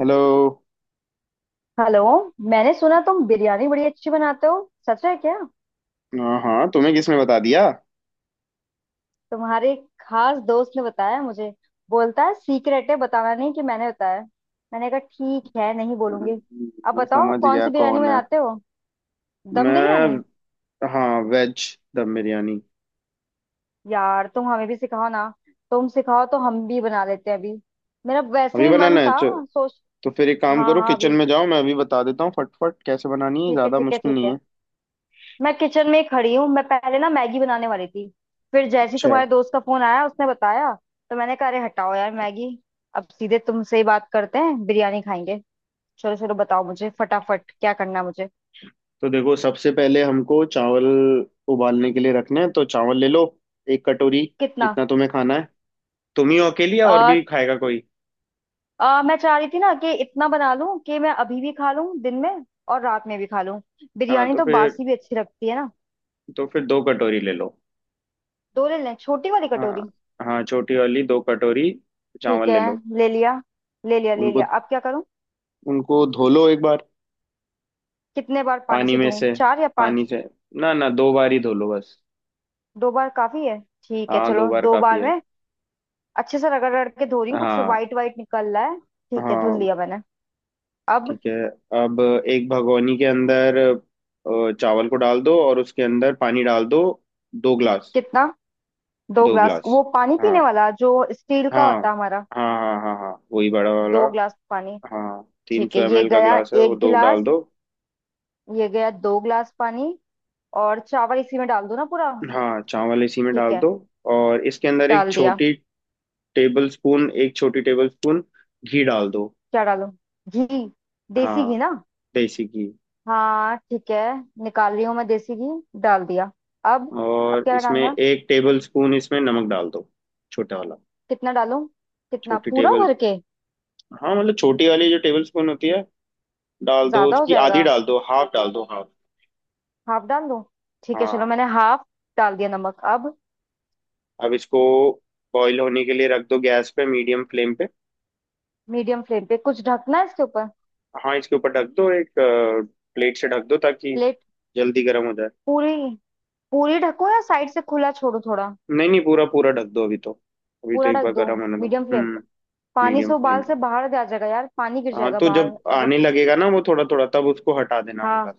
Hello. Hello. मैंने सुना तुम बिरयानी बड़ी अच्छी बनाते हो। सच है क्या। हाँ हाँ, तुम्हें किसने बता दिया? तुम्हारे एक खास दोस्त ने बताया मुझे। बोलता है सीक्रेट है बताना नहीं कि मैंने बताया। मैंने कहा ठीक है नहीं हम्म, बोलूंगी। अब मैं बताओ समझ कौन गया सी बिरयानी कौन है। बनाते हो। दम बिरयानी। मैं। हाँ, वेज दम बिरयानी। यार तुम हमें भी सिखाओ ना। तुम सिखाओ तो हम भी बना लेते हैं अभी। मेरा वैसे अभी भी मन बनाना है था। सोच। तो फिर एक काम हाँ करो, हाँ किचन अभी। में जाओ, मैं अभी बता देता हूँ फटफट कैसे बनानी है, ठीक है ज़्यादा ठीक है मुश्किल ठीक नहीं है। है। मैं किचन में ही खड़ी हूँ, मैं पहले ना मैगी बनाने वाली थी। फिर जैसे ही अच्छा। तुम्हारे दोस्त का फोन आया उसने बताया। तो मैंने कहा अरे हटाओ यार मैगी। अब सीधे तुमसे ही बात करते हैं, बिरयानी खाएंगे। चलो चलो बताओ मुझे फटाफट क्या करना है मुझे। तो देखो, सबसे पहले हमको चावल उबालने के लिए रखने हैं, तो चावल ले लो एक कटोरी। कितना। जितना तुम्हें खाना है। तुम ही हो अकेली या और आ, भी खाएगा कोई? आ, मैं चाह रही थी ना कि इतना बना लूं कि मैं अभी भी खा लूं दिन में और रात में भी खा लूं। हाँ। बिरयानी तो तो फिर बासी भी अच्छी लगती है ना। तो फिर 2 कटोरी ले लो। दो ले लें छोटी वाली हाँ। कटोरी। हाँ, छोटी वाली दो कटोरी। ठीक चावल ले है लो। ले लिया। ले लिया ले उनको लिया अब क्या करूं। उनको धो लो एक बार। कितने बार पानी पानी से में धोऊं, से चार या पानी पांच। से। ना ना, 2 बार ही धो लो बस। दो बार काफी है। ठीक है हाँ, दो चलो बार दो काफी बार है। में। अच्छे से रगड़ रगड़ के धो रही हूँ, कुछ हाँ वाइट वाइट निकल रहा है। ठीक है धुल हाँ, लिया मैंने। अब। ठीक है। अब एक भगोनी के अंदर चावल को डाल दो और उसके अंदर पानी डाल दो, 2 ग्लास। कितना। दो दो ग्लास, ग्लास। वो पानी हाँ पीने वाला जो स्टील का हाँ होता है हमारा। हाँ हाँ हाँ हाँ, वही बड़ा वाला। दो ग्लास पानी। हाँ, तीन ठीक सौ है एम ये एल का गया ग्लास है वो, एक दो डाल गिलास। दो। ये गया दो गिलास पानी। और चावल इसी में डाल दो ना पूरा। हाँ, चावल इसी में ठीक डाल है दो। और इसके अंदर एक डाल दिया। छोटी टेबल स्पून, एक छोटी टेबल स्पून घी डाल दो। क्या डालूं। घी। देसी हाँ, घी ना। देसी घी। हाँ ठीक है, निकाल रही हूँ मैं, देसी घी डाल दिया अब। अब और क्या इसमें डालना है? एक टेबल स्पून, इसमें नमक डाल दो, छोटा वाला। कितना डालूं। कितना, छोटी पूरा टेबल, भर के। हाँ मतलब छोटी वाली जो टेबल स्पून होती है, डाल दो ज्यादा हो उसकी आधी, जाएगा। डाल दो हाफ, डाल दो हाफ। हाफ डाल दूं। ठीक है चलो हाँ। मैंने हाफ डाल दिया नमक अब। अब इसको बॉईल होने के लिए रख दो गैस पे, मीडियम फ्लेम पे। मीडियम फ्लेम पे कुछ ढकना है इसके ऊपर। हाँ, इसके ऊपर ढक दो एक प्लेट से, ढक दो ताकि प्लेट। जल्दी गर्म हो जाए। पूरी। पूरी ढकूं या साइड से खुला छोड़ू थोड़ा। नहीं नहीं, पूरा पूरा ढक दो अभी तो। अभी तो पूरा एक ढक बार दूं। गर्म होने दो। मीडियम फ्लेम पे। हम्म। पानी मीडियम से फ्लेम उबाल पे। से बाहर आ जाएगा यार, पानी गिर हाँ, जाएगा तो बाहर जब अगर। आने लगेगा ना वो थोड़ा थोड़ा, तब उसको हटा देना हाँ हल्का।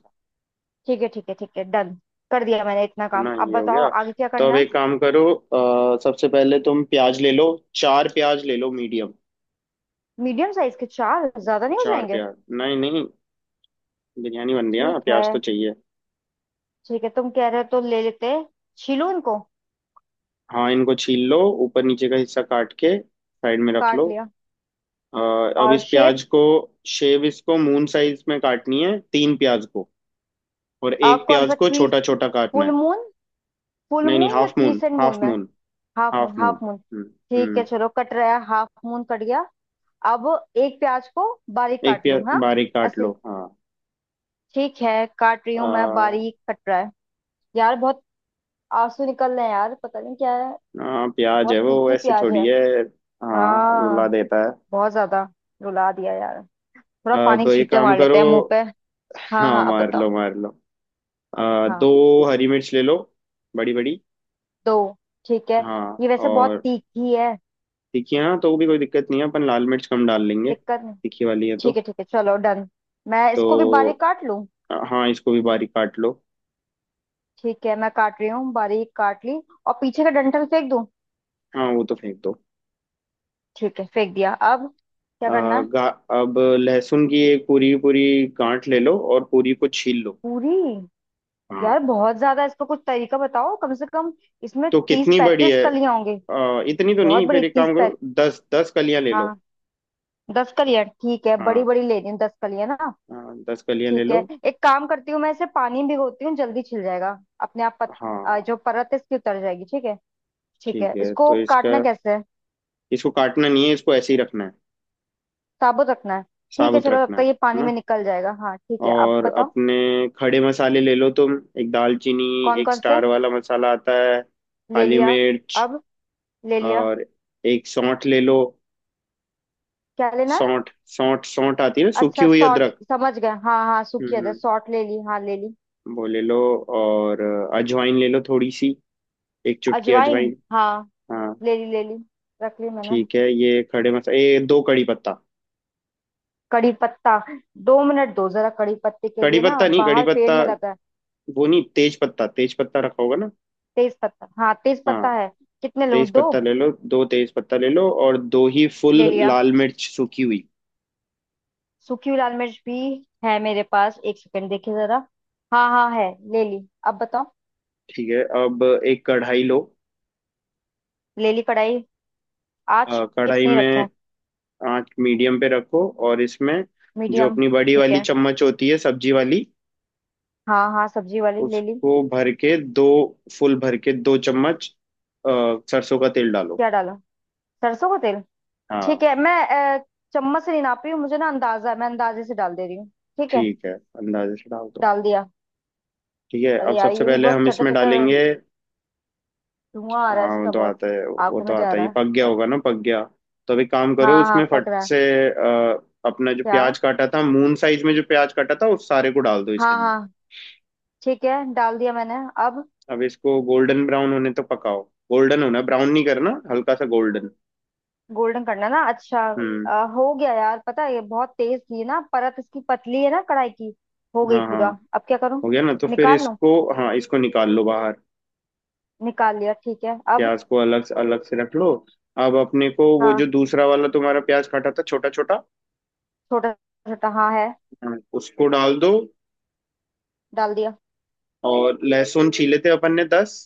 ठीक है ठीक है ठीक है डन। कर दिया मैंने इतना है काम, ना, अब ये हो बताओ गया। आगे क्या तो अब करना है। एक काम करो, सबसे पहले तुम प्याज ले लो, चार प्याज ले लो, मीडियम। मीडियम साइज के चार, ज्यादा नहीं हो चार जाएंगे। प्याज। नहीं नहीं, बिरयानी बन रही है ना, ठीक है प्याज तो चाहिए। ठीक है तुम कह रहे हो तो ले लेते हैं। छीलूं इनको। हाँ, इनको छील लो, ऊपर नीचे का हिस्सा काट के साइड में रख काट लो। लिया। अ, अब और इस शेप। प्याज को शेव, इसको मून साइज में काटनी है तीन प्याज को, और अब एक कौन प्याज सा को क्रीज। छोटा छोटा काटना फुल है। मून। फुल नहीं नहीं, मून या half moon crescent moon half में। Moon. Half moon half moon. Half moon. हम्म। ठीक है हम्म। चलो कट रहा है, हाफ मून कट गया। अब एक प्याज को बारीक एक काट लूं प्याज हाँ। बारीक काट ऐसे। लो। ठीक है काट रही हूँ मैं, हाँ। बारीक कट रहा है। यार बहुत आंसू निकल रहे हैं यार, पता नहीं क्या है। हाँ, प्याज है बहुत वो, तीखी ऐसी प्याज थोड़ी है। है। हाँ, रुला हाँ देता है। बहुत ज्यादा रुला दिया यार। थोड़ा पानी अब के ये छींटे काम मार लेते करो। हैं मुंह पे। हाँ हाँ, हाँ अब मार लो बताओ। मार लो। हाँ दो हरी मिर्च ले लो, बड़ी बड़ी। दो। ठीक है हाँ। ये वैसे बहुत और तीखी है। तीखी है ना तो भी, कोई दिक्कत नहीं है, अपन लाल मिर्च कम डाल लेंगे। दिक्कत नहीं। तीखी वाली है ठीक तो। है ठीक है चलो डन। मैं इसको भी बारीक तो काट लूं। हाँ, इसको भी बारीक काट लो। ठीक है मैं काट रही हूँ, बारीक काट ली। और पीछे का डंठल फेंक दूँ। हाँ, वो तो फेंक दो। ठीक है फेंक दिया अब क्या आ, करना है। गा, अब लहसुन की एक पूरी पूरी गांठ ले लो और पूरी को छील लो। पूरी। हाँ। यार बहुत ज्यादा है, इसका कुछ तरीका बताओ कम से कम। इसमें तो तीस कितनी बड़ी पैंतीस है? कलियां होंगी। इतनी तो बहुत नहीं, बड़ी फिर एक तीस काम पैंत करो, दस दस कलियां ले लो। हाँ। दस कलियां ठीक है, बड़ी हाँ। बड़ी ले रही हूँ दस कलियां ना। हाँ, दस कलियां ले ठीक लो। है एक काम करती हूँ, मैं इसे पानी में भिगोती हूँ जल्दी छिल जाएगा अपने आप। हाँ, जो परत है इसकी उतर जाएगी ठीक है। ठीक ठीक है है। तो इसको इसका, काटना कैसे है। इसको काटना नहीं है, इसको ऐसे ही रखना है। साबुत रखना है। ठीक है साबुत चलो, तब रखना है तक ये है पानी ना। में निकल जाएगा। हाँ ठीक है अब और बताओ। अपने खड़े मसाले ले लो तुम। एक दालचीनी, कौन एक कौन से। स्टार वाला मसाला आता है, ले काली लिया मिर्च। अब। ले लिया। और एक सौंठ ले लो। क्या लेना है। सौंठ। सौंठ, सौंठ आती है ना, सूखी अच्छा हुई सॉर्ट। अदरक। समझ गए हाँ हाँ, सूखी अदरक हम्म, सॉर्ट ले ली, हाँ ले ली। वो ले लो। और अजवाइन ले लो थोड़ी सी, एक चुटकी अजवाइन अजवाइन। हाँ। हाँ। ले ली ले ली, रख ली मैंने। ठीक है, ये खड़े मसाले। ये दो कड़ी पत्ता, कड़ी पत्ता। दो मिनट दो जरा, कड़ी पत्ते के कड़ी लिए ना पत्ता नहीं, कड़ी बाहर पेड़ पत्ता में लगा है। वो नहीं, तेज पत्ता, तेज पत्ता रखा होगा ना? तेज पत्ता, हाँ तेज पत्ता हाँ, है। कितने लूं, तेज दो। पत्ता ले लो, दो तेज पत्ता ले लो। और दो ही ले फुल लिया। लाल मिर्च सूखी हुई। सूखी हुई लाल मिर्च भी है मेरे पास, एक सेकंड देखिए जरा। हाँ हाँ है, ले ली अब बताओ। ठीक है, अब एक कढ़ाई लो। ले ली कढ़ाई। आज। कढ़ाई कितनी में रखें। आंच मीडियम पे रखो और इसमें जो मीडियम। अपनी बड़ी ठीक वाली है चम्मच होती है सब्जी वाली, हाँ हाँ, सब्जी वाली ले ली। उसको भर के दो, फुल भर के दो चम्मच अ, सरसों का तेल डालो। क्या डाला। सरसों का तेल। हाँ। ठीक है मैं अ, चम्मच से नहीं नाप रही हूँ, मुझे ना अंदाजा है, मैं अंदाजे से डाल दे रही हूँ। ठीक है ठीक है, अंदाजे से डाल दो। डाल दिया। ठीक है। अरे अब यार सबसे ये भी पहले बहुत हम चटर इसमें चटर, डालेंगे। धुआं आ रहा हाँ, है वो इसका तो बहुत। आता है, वो आंखों तो में जा आता रहा ही, है। पक गया अ, होगा ना, पक गया। तो अभी काम करो हाँ हाँ उसमें फट पक रहा है। से, अपना जो क्या प्याज काटा था मून साइज में, जो प्याज काटा था उस सारे को डाल दो इसके हाँ अंदर। हाँ ठीक है डाल दिया मैंने अब। अब इसको गोल्डन ब्राउन होने तक पकाओ। गोल्डन होना, ब्राउन नहीं करना, हल्का सा गोल्डन। गोल्डन करना है ना, अच्छा। हम्म। हो गया यार, पता है ये बहुत तेज थी ना, परत इसकी पतली है ना कढ़ाई की। हो गई हाँ हाँ, पूरा, अब क्या करूँ। हो गया ना तो फिर निकाल लूं। इसको, हाँ, इसको निकाल लो बाहर। निकाल लिया ठीक है अब। प्याज को अलग से, अलग से रख लो। अब अपने को वो जो हाँ दूसरा वाला तुम्हारा प्याज काटा था छोटा छोटा, छोटा छोटा, हाँ है। हाँ, उसको डाल दो। डाल दिया। और लहसुन छीले थे अपन ने दस,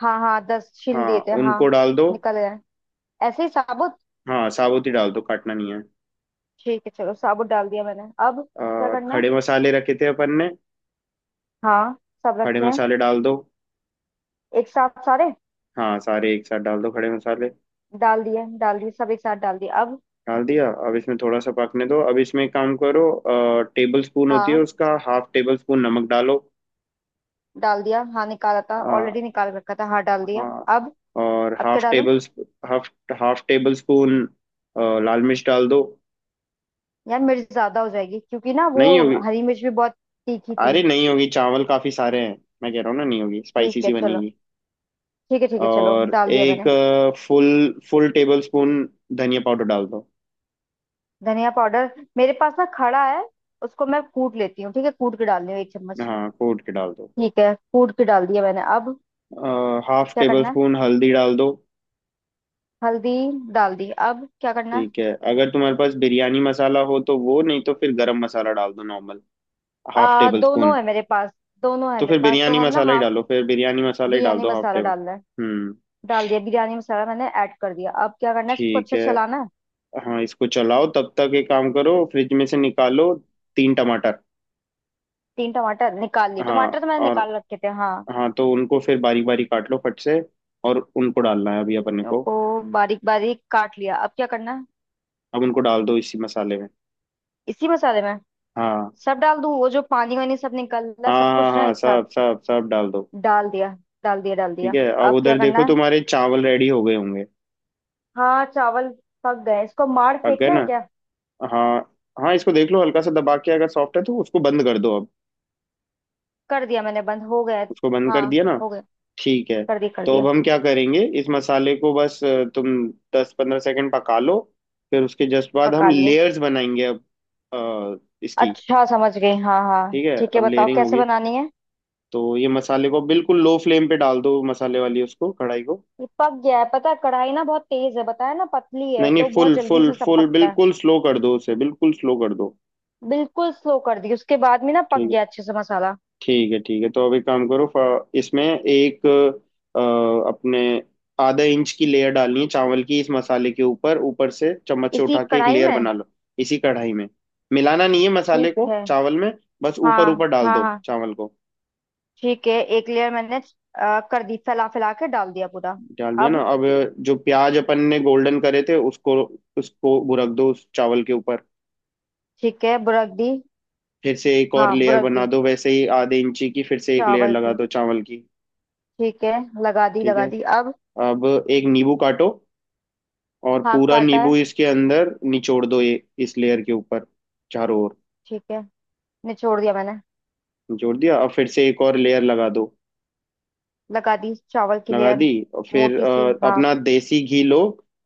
हाँ हाँ दस छील हाँ, दिए थे हाँ। उनको डाल दो। निकल गए, ऐसे ही साबुत। हाँ, साबुत ही डाल दो, काटना नहीं है। ठीक है चलो साबुत डाल दिया मैंने अब। क्या और करना है। खड़े मसाले रखे थे अपन ने, हाँ सब खड़े रखे हैं। मसाले डाल दो। एक साथ सारे। हाँ, सारे एक साथ डाल दो खड़े मसाले। डाल दिए डाल दिए, सब एक साथ डाल दिए अब। डाल दिया। अब इसमें थोड़ा सा पकने दो। अब इसमें एक काम करो, टेबल स्पून होती है हाँ उसका हाफ टेबल स्पून नमक डालो। डाल दिया, हाँ निकाला था आ, ऑलरेडी, निकाल रखा था हाँ डाल दिया। हाँ। अब। और अब क्या हाफ डालूं। Table, half half tablespoon लाल मिर्च डाल दो। यार मिर्च ज्यादा हो जाएगी क्योंकि ना वो नहीं होगी, हरी मिर्च भी बहुत तीखी थी। अरे नहीं होगी, चावल काफी सारे हैं। मैं कह रहा हूँ ना, नहीं होगी, स्पाइसी ठीक है सी चलो बनेगी। ठीक है चलो और डाल दिया एक मैंने। फुल, फुल टेबल स्पून धनिया पाउडर डाल दो। धनिया पाउडर मेरे पास ना खड़ा है, उसको मैं कूट लेती हूँ, ठीक है कूट के डाल रही हूँ एक चम्मच। हाँ, कूट के डाल दो। ठीक है कूट के डाल दिया मैंने, अब हाफ क्या टेबल करना है। स्पून हल्दी डाल दो। हल्दी डाल दी, अब क्या करना है। ठीक है, अगर तुम्हारे पास बिरयानी मसाला हो तो वो, नहीं तो फिर गरम मसाला डाल दो नॉर्मल, हाफ टेबल दोनों स्पून। है मेरे पास, दोनों है तो मेरे फिर पास तो बिरयानी हम ना मसाला ही हाफ। डालो, फिर बिरयानी मसाला ही डाल बिरयानी दो, हाफ मसाला टेबल। डालना है। हम्म। डाल दिया बिरयानी मसाला, मैंने ऐड कर दिया, अब क्या करना है, इसको ठीक अच्छे से है। चलाना है। हाँ, इसको चलाओ, तब तक एक काम करो, फ्रिज में से निकालो तीन टमाटर। तीन टमाटर निकाल लिए, हाँ। टमाटर तो मैंने और, निकाल रखे थे हाँ। हाँ, तो उनको फिर बारीक बारीक काट लो फट से। और उनको डालना है अभी अपन तीनों को। को बारीक बारीक काट लिया, अब क्या करना है। अब उनको डाल दो इसी मसाले में। इसी मसाले में हाँ सब डाल दूं, वो जो पानी वानी सब निकल रहा है हाँ सब हाँ कुछ हाँ ना हाँ, एक साथ। सब सब सब डाल दो। डाल दिया डाल दिया डाल ठीक दिया। है। अब अब क्या उधर देखो, करना है। तुम्हारे चावल रेडी हो गए होंगे। हाँ चावल पक गए, इसको मार पक गए फेंकना ना? है क्या। हाँ हाँ, इसको देख लो, हल्का सा दबा के अगर सॉफ्ट है तो उसको बंद कर दो अब। कर दिया मैंने बंद हो गया। उसको बंद हाँ कर दिया ना? हो गया। ठीक है। कर दिया कर तो अब दिया। हम क्या करेंगे, इस मसाले को बस, तुम 10-15 सेकंड पका लो, फिर उसके जस्ट बाद हम पका लिए। लेयर्स बनाएंगे। अब अ, इसकी अच्छा समझ गई, हाँ हाँ ठीक है, ठीक है अब बताओ लेयरिंग कैसे होगी। बनानी है। तो ये मसाले को बिल्कुल लो फ्लेम पे डाल दो, मसाले वाली उसको, कढ़ाई को। ये पक गया है, पता है कढ़ाई ना बहुत तेज है, बताया ना पतली है नहीं नहीं, तो बहुत फुल जल्दी फुल से सब फुल पकता है। बिल्कुल स्लो कर दो उसे, बिल्कुल स्लो कर दो। बिल्कुल स्लो कर दी, उसके बाद में ना पक ठीक है गया अच्छे से मसाला। ठीक है ठीक है। तो अभी काम करो, इसमें एक, अ, अपने आधा इंच की लेयर डालनी है चावल की, इस मसाले के ऊपर, ऊपर से चम्मच से इसी उठा के एक कढ़ाई लेयर में बना लो। इसी कढ़ाई में। मिलाना नहीं है मसाले ठीक को है। चावल में, बस ऊपर हाँ ऊपर डाल हाँ दो हाँ। चावल को। ठीक है एक लेयर मैंने कर दी, फैला फैला के डाल दिया पूरा डाल दिया ना? अब। अब जो प्याज अपन ने गोल्डन करे थे उसको, उसको बुरक दो उस चावल के ऊपर। ठीक है बुरक दी। फिर से एक और हाँ लेयर बुरक बना दी दो वैसे ही, आधे इंची की, फिर से एक लेयर चावल लगा की, दो चावल की। ठीक है ठीक है, लगा दी अब। अब एक नींबू काटो और हाँ पूरा काटा। नींबू इसके अंदर निचोड़ दो, ये इस लेयर के ऊपर चारों ओर। ठीक है निचोड़ दिया मैंने। निचोड़ दिया, अब फिर से एक और लेयर लगा दो। लगा दी चावल की लगा लेयर। दी। और फिर मोटी सी हाँ। अपना देसी घी लो।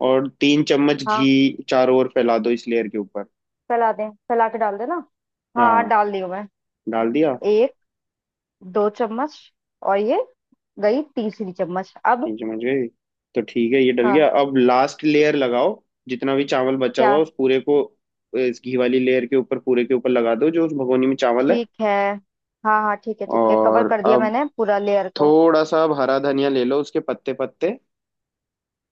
और 3 चम्मच हाँ घी चारों ओर फैला दो इस लेयर के ऊपर। फैला दें, फैला के डाल देना। हाँ हाँ, डाल दी मैं डाल दिया। एक, दो चम्मच, और ये गई तीसरी चम्मच अब। तीन चम्मच घी, तो ठीक है, ये डल हाँ गया। अब लास्ट लेयर लगाओ, जितना भी चावल बचा हुआ क्या है, उस पूरे को इस घी वाली लेयर के ऊपर, पूरे के ऊपर लगा दो जो उस भगोनी में चावल है। ठीक है, हाँ हाँ ठीक है कवर और कर दिया अब मैंने पूरा लेयर को। थोड़ा सा आप हरा धनिया ले लो, उसके पत्ते पत्ते।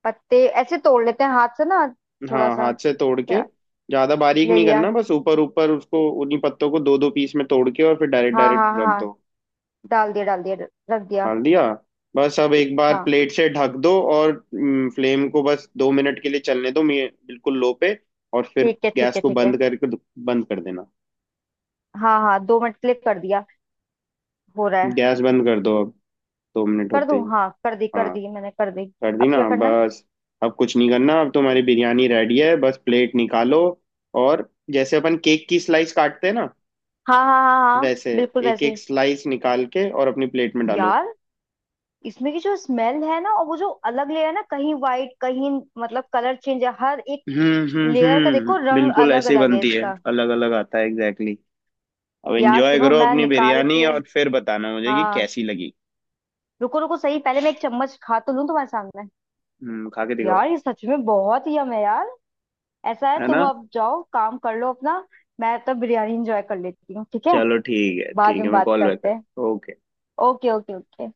पत्ते ऐसे तोड़ लेते हैं हाथ से ना, थोड़ा हाँ, सा। हाथ से तोड़ के, क्या। ज्यादा बारीक ले नहीं लिया, करना, बस ऊपर ऊपर उसको, उन्हीं पत्तों को दो दो पीस में तोड़ के, और फिर डायरेक्ट हाँ डायरेक्ट हाँ रख हाँ दो। डाल दिया रख दिया। डाल दिया। बस अब एक बार हाँ प्लेट से ढक दो और फ्लेम को बस 2 मिनट के लिए चलने दो, बिल्कुल लो पे। और फिर ठीक है ठीक गैस है को ठीक है। बंद करके, बंद कर देना। हाँ हाँ दो मिनट क्लिक कर दिया, हो रहा है। गैस बंद कर दो अब, दो मिनट कर होते दूं, ही। हाँ कर हाँ, दी मैंने कर दी। कर दी अब ना, क्या करना है। बस। अब कुछ नहीं करना, अब तुम्हारी बिरयानी रेडी है, बस प्लेट निकालो। और जैसे अपन केक की स्लाइस काटते हैं ना हाँ हाँ हाँ हाँ वैसे, बिल्कुल एक वैसे एक ही। स्लाइस निकाल के और अपनी प्लेट में डालो। यार इसमें की जो स्मेल है ना, और वो जो अलग लेयर है ना, कहीं वाइट कहीं, मतलब कलर चेंज है हर एक हम्म हम्म लेयर का, हम्म देखो रंग बिल्कुल अलग ऐसे ही अलग है बनती है, इसका। अलग अलग आता है, एग्जैक्टली exactly। अब यार एंजॉय सुनो करो मैं अपनी निकाल बिरयानी के। और फिर बताना मुझे कि हाँ कैसी लगी। रुको रुको, सही पहले मैं एक चम्मच खा तो लूं तुम्हारे सामने। हम्म, खा के दिखाओ। यार ये सच में बहुत ही यम है यार। ऐसा है है तुम ना? अब जाओ काम कर लो अपना, मैं तब बिरयानी एंजॉय कर लेती हूँ ठीक है। चलो ठीक है बाद ठीक है, में मैं बात कॉल बैक करते कर। हैं। ओके। Okay okay okay.